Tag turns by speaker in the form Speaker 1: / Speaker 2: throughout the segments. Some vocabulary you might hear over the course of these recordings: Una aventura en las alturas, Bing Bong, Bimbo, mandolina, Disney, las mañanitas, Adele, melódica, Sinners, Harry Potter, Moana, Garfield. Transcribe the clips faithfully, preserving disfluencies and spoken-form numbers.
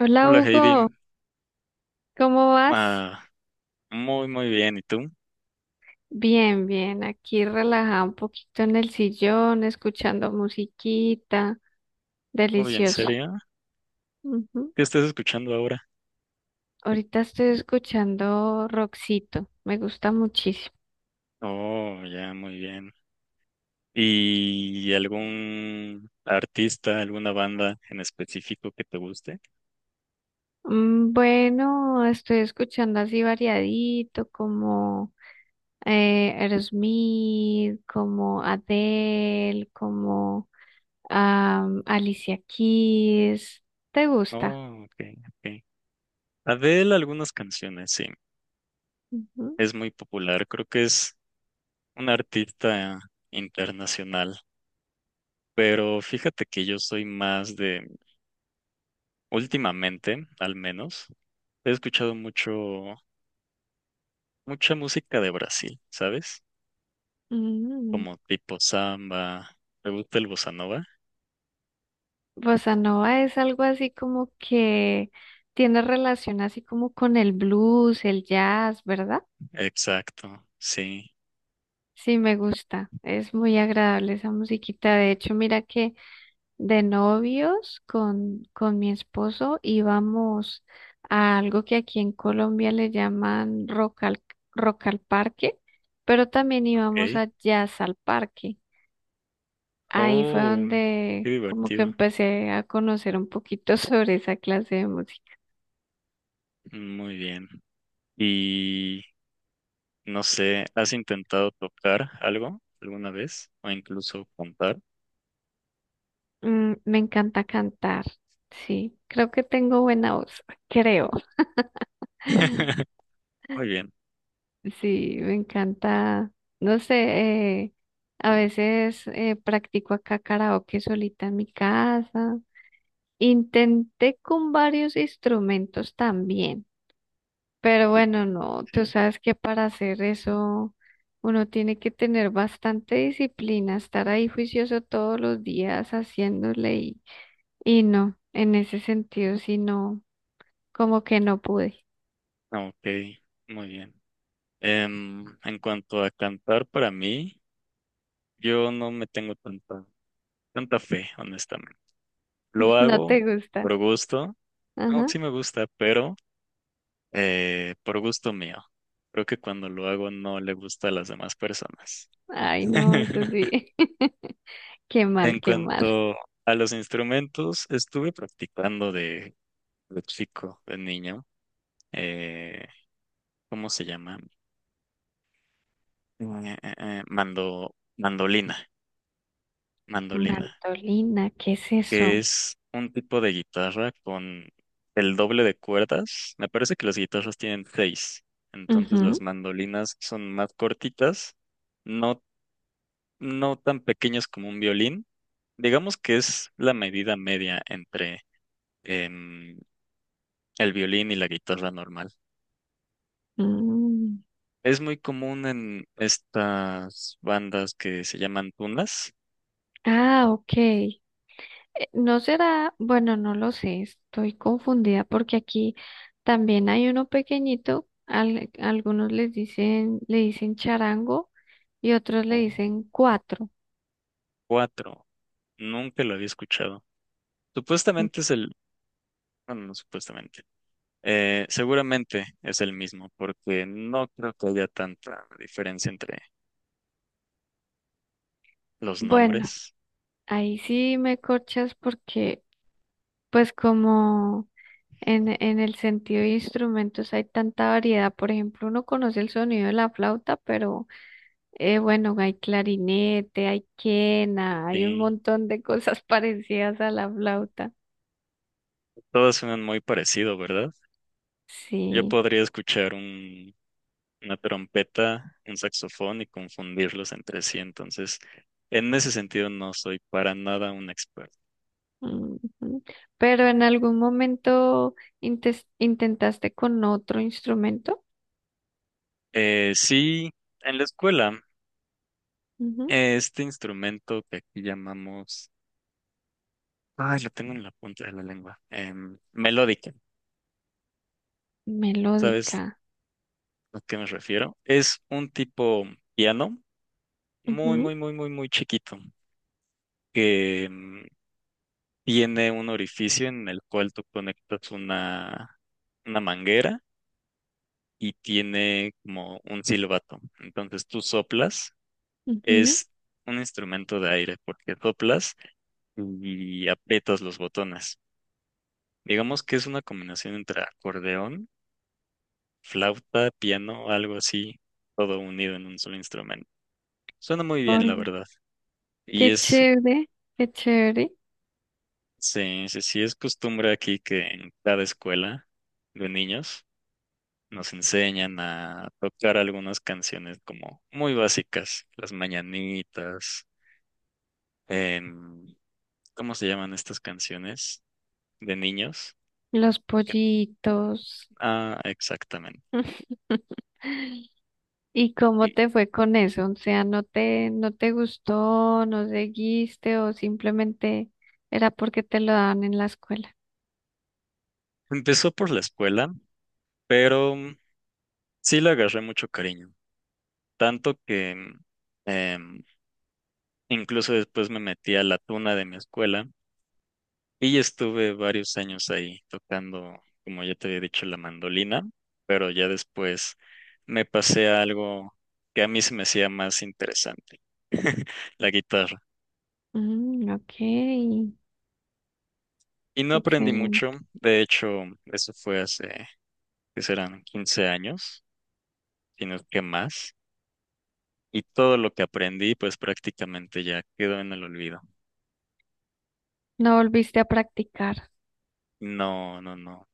Speaker 1: Hola
Speaker 2: Hola
Speaker 1: Hugo,
Speaker 2: Heidi,
Speaker 1: ¿cómo vas?
Speaker 2: ah, muy muy bien, ¿y tú?
Speaker 1: Bien, bien, aquí relajada un poquito en el sillón, escuchando musiquita,
Speaker 2: Uy, ¿en
Speaker 1: delicioso.
Speaker 2: serio?
Speaker 1: Ujú.
Speaker 2: ¿Qué estás escuchando ahora?
Speaker 1: Ahorita estoy escuchando Roxito, me gusta muchísimo.
Speaker 2: Oh, ya, muy bien. ¿Y algún artista, alguna banda en específico que te guste?
Speaker 1: Mm, Bueno, estoy escuchando así variadito, como eh, Aerosmith, como Adele, como am, Alicia Keys. ¿Te gusta?
Speaker 2: Oh, ok, ok. Adele, algunas canciones, sí,
Speaker 1: Ujú.
Speaker 2: es muy popular, creo que es un artista internacional, pero fíjate que yo soy más de, últimamente, al menos, he escuchado mucho, mucha música de Brasil, ¿sabes?
Speaker 1: Mm.
Speaker 2: Como tipo samba. ¿Te gusta el bossa nova?
Speaker 1: Bossa nova es algo así como que tiene relación así como con el blues, el jazz, ¿verdad?
Speaker 2: Exacto, sí.
Speaker 1: Sí, me gusta. Es muy agradable esa musiquita. De hecho, mira que de novios con, con mi esposo íbamos a algo que aquí en Colombia le llaman rock al, rock al parque, pero también íbamos
Speaker 2: Ok.
Speaker 1: a jazz al parque. Ahí fue
Speaker 2: Oh, qué
Speaker 1: donde como que
Speaker 2: divertido.
Speaker 1: empecé a conocer un poquito sobre esa clase de música.
Speaker 2: Muy bien. Y no sé, ¿has intentado tocar algo alguna vez? O incluso contar.
Speaker 1: Mm, me encanta cantar, sí. Creo que tengo buena voz, creo.
Speaker 2: Muy bien.
Speaker 1: Sí, me encanta. No sé, eh, a veces eh, practico acá karaoke solita en mi casa. Intenté con varios instrumentos también, pero bueno, no, tú
Speaker 2: Sí.
Speaker 1: sabes que para hacer eso uno tiene que tener bastante disciplina, estar ahí juicioso todos los días haciéndole y, y no, en ese sentido, sí no. Como que no pude.
Speaker 2: Ah, ok, muy bien. Em, en cuanto a cantar, para mí, yo no me tengo tanta, tanta fe, honestamente. Lo
Speaker 1: No te
Speaker 2: hago
Speaker 1: gusta.
Speaker 2: por gusto. No,
Speaker 1: Ajá.
Speaker 2: sí me gusta, pero eh, por gusto mío. Creo que cuando lo hago no le gusta a las demás personas.
Speaker 1: Ay, no, eso sí. Qué mal,
Speaker 2: En
Speaker 1: qué mal.
Speaker 2: cuanto a los instrumentos, estuve practicando de, de chico, de niño. eh, ¿Cómo se llama? Eh, eh, eh, mando, mandolina, mandolina,
Speaker 1: Mantolina, ¿qué es
Speaker 2: que
Speaker 1: eso?
Speaker 2: es un tipo de guitarra con el doble de cuerdas. Me parece que las guitarras tienen seis, entonces las
Speaker 1: Ujú.
Speaker 2: mandolinas son más cortitas, no no tan pequeñas como un violín. Digamos que es la medida media entre em, el violín y la guitarra normal.
Speaker 1: Mm.
Speaker 2: Es muy común en estas bandas que se llaman tunas.
Speaker 1: Ah, ok. Eh, no será, bueno, no lo sé, estoy confundida porque aquí también hay uno pequeñito, al- algunos les dicen, le dicen charango y otros le
Speaker 2: Oh.
Speaker 1: dicen cuatro.
Speaker 2: Cuatro. Nunca lo había escuchado. Supuestamente es el... Bueno, no supuestamente. Eh, seguramente es el mismo, porque no creo que haya tanta diferencia entre los
Speaker 1: Bueno,
Speaker 2: nombres.
Speaker 1: ahí sí me corchas porque pues como En, en el sentido de instrumentos hay tanta variedad. Por ejemplo, uno conoce el sonido de la flauta, pero eh, bueno, hay clarinete, hay quena, hay un
Speaker 2: Sí,
Speaker 1: montón de cosas parecidas a la flauta.
Speaker 2: todos suenan muy parecido, ¿verdad? Yo
Speaker 1: Sí.
Speaker 2: podría escuchar un una trompeta, un saxofón y confundirlos entre sí. Entonces, en ese sentido no soy para nada un experto.
Speaker 1: Ujú. Pero en algún momento intes- intentaste con otro instrumento.
Speaker 2: Eh, sí, en la escuela,
Speaker 1: Ujú.
Speaker 2: eh, este instrumento que aquí llamamos, ay, lo tengo en la punta de la lengua, em, melódica, ¿sabes
Speaker 1: Melódica.
Speaker 2: a qué me refiero? Es un tipo piano muy,
Speaker 1: Ujú,
Speaker 2: muy, muy, muy, muy chiquito que em, tiene un orificio en el cual tú conectas una, una manguera y tiene como un silbato. Entonces tú soplas,
Speaker 1: ujú.
Speaker 2: es un instrumento de aire porque soplas y aprietas los botones. Digamos que es una combinación entre acordeón, flauta, piano, algo así, todo unido en un solo instrumento. Suena muy bien, la
Speaker 1: Oye,
Speaker 2: verdad. Y
Speaker 1: qué
Speaker 2: es,
Speaker 1: chévere, qué chévere.
Speaker 2: sí, sí, sí, es costumbre aquí que en cada escuela de niños nos enseñan a tocar algunas canciones como muy básicas, las mañanitas, en, ¿cómo se llaman estas canciones de niños?
Speaker 1: Los
Speaker 2: Que-
Speaker 1: pollitos.
Speaker 2: Ah, exactamente.
Speaker 1: ¿Y cómo
Speaker 2: Y
Speaker 1: te fue con eso? O sea, ¿no te, no te gustó, no seguiste o simplemente era porque te lo daban en la escuela?
Speaker 2: empezó por la escuela, pero mm, sí le agarré mucho cariño, tanto que mm, em, incluso después me metí a la tuna de mi escuela y estuve varios años ahí tocando, como ya te había dicho, la mandolina, pero ya después me pasé a algo que a mí se me hacía más interesante, la guitarra.
Speaker 1: Mm, ok,
Speaker 2: Y no aprendí mucho.
Speaker 1: excelente.
Speaker 2: De hecho, eso fue hace, que serán quince años, sino que más. Y todo lo que aprendí, pues prácticamente ya quedó en el olvido.
Speaker 1: No volviste a practicar.
Speaker 2: No, no, no.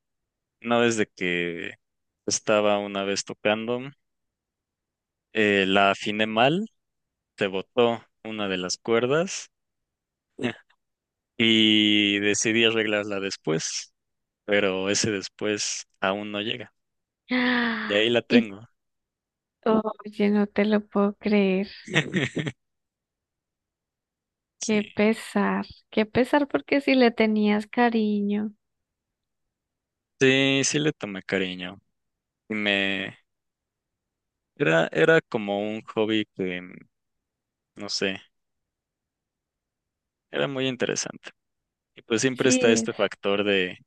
Speaker 2: No desde que estaba una vez tocando, eh, la afiné mal, se botó una de las cuerdas y decidí arreglarla después, pero ese después aún no llega. Y
Speaker 1: ¡Ah!
Speaker 2: ahí la
Speaker 1: Y,
Speaker 2: tengo.
Speaker 1: oye, no te lo puedo creer. Qué
Speaker 2: Sí,
Speaker 1: pesar, qué pesar porque si le tenías cariño.
Speaker 2: sí, sí le tomé cariño. Y me, Era, era como un hobby que, mm, no sé, era muy interesante. Y pues siempre está
Speaker 1: Sí.
Speaker 2: este
Speaker 1: Es.
Speaker 2: factor de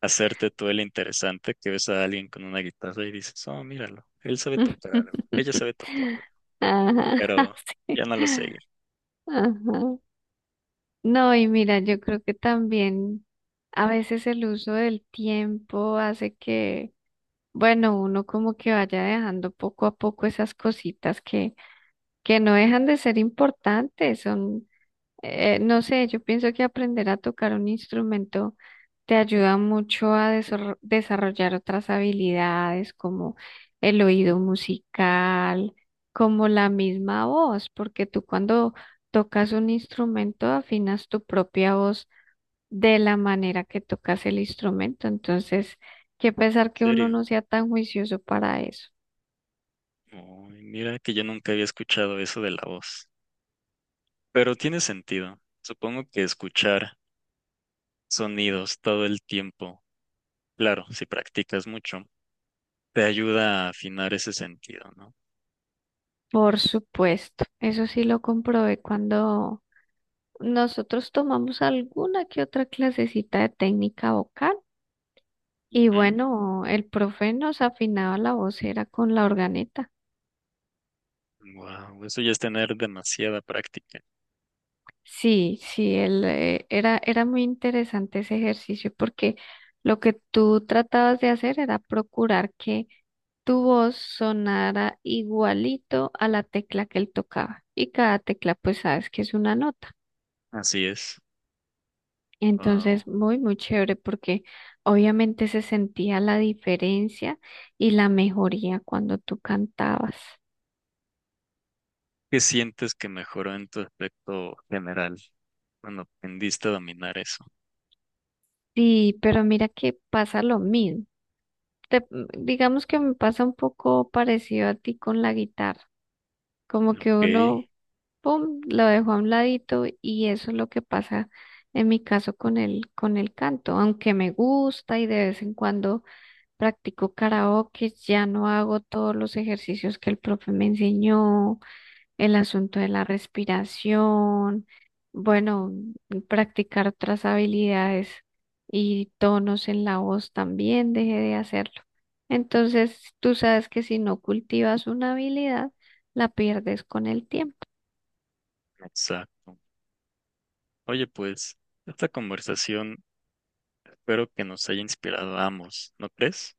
Speaker 2: hacerte tú el interesante, que ves a alguien con una guitarra y dices, oh, míralo, él sabe tocar algo, ella sabe tocar algo,
Speaker 1: Ajá,
Speaker 2: pero ya
Speaker 1: sí.
Speaker 2: no lo seguí. ¿En
Speaker 1: Ajá. No, y mira, yo creo que también a veces el uso del tiempo hace que, bueno, uno como que vaya dejando poco a poco esas cositas que, que no dejan de ser importantes, son eh, no sé, yo pienso que aprender a tocar un instrumento te ayuda mucho a desor- desarrollar otras habilidades como el oído musical, como la misma voz, porque tú cuando tocas un instrumento afinas tu propia voz de la manera que tocas el instrumento. Entonces, qué pesar que uno
Speaker 2: serio?
Speaker 1: no sea tan juicioso para eso.
Speaker 2: Ay, mira que yo nunca había escuchado eso de la voz. Pero tiene sentido. Supongo que escuchar sonidos todo el tiempo, claro, si practicas mucho, te ayuda a afinar ese sentido, ¿no?
Speaker 1: Por supuesto, eso sí lo comprobé cuando nosotros tomamos alguna que otra clasecita de técnica vocal y
Speaker 2: Ujú.
Speaker 1: bueno, el profe nos afinaba la voz, era con la organeta.
Speaker 2: Wow, eso ya es tener demasiada práctica.
Speaker 1: Sí, sí, él, eh, era, era muy interesante ese ejercicio porque lo que tú tratabas de hacer era procurar que tu voz sonara igualito a la tecla que él tocaba y cada tecla pues sabes que es una nota.
Speaker 2: Así es.
Speaker 1: Entonces,
Speaker 2: Wow.
Speaker 1: muy, muy chévere porque obviamente se sentía la diferencia y la mejoría cuando tú cantabas.
Speaker 2: ¿Qué sientes que mejoró en tu aspecto general cuando aprendiste a dominar eso?
Speaker 1: Sí, pero mira que pasa lo mismo. Te- digamos que me pasa un poco parecido a ti con la guitarra, como que
Speaker 2: Ok,
Speaker 1: uno, pum, lo dejó a un ladito y eso es lo que pasa en mi caso con el, con el canto, aunque me gusta y de vez en cuando practico karaoke, ya no hago todos los ejercicios que el profe me enseñó el asunto de la respiración, bueno, practicar otras habilidades y tonos en la voz también dejé de hacerlo. Entonces, tú sabes que si no cultivas una habilidad, la pierdes con el tiempo.
Speaker 2: exacto. Oye, pues, esta conversación espero que nos haya inspirado a ambos, ¿no crees?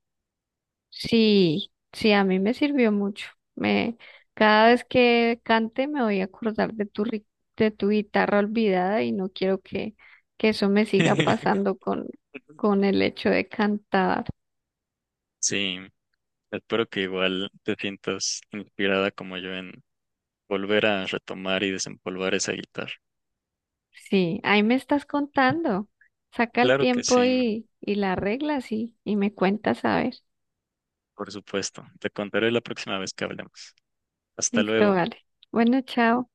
Speaker 1: Sí, sí, a mí me sirvió mucho. Me, cada vez que cante me voy a acordar de tu, ri- de tu guitarra olvidada y no quiero que, que eso me siga pasando con, con el hecho de cantar.
Speaker 2: Sí, espero que igual te sientas inspirada como yo en volver a retomar y desempolvar esa guitarra.
Speaker 1: Sí, ahí me estás contando. Saca el
Speaker 2: Claro que
Speaker 1: tiempo
Speaker 2: sí,
Speaker 1: y, y la arreglas y, y me cuentas a ver.
Speaker 2: por supuesto. Te contaré la próxima vez que hablemos. Hasta
Speaker 1: Listo,
Speaker 2: luego.
Speaker 1: vale. Bueno, chao.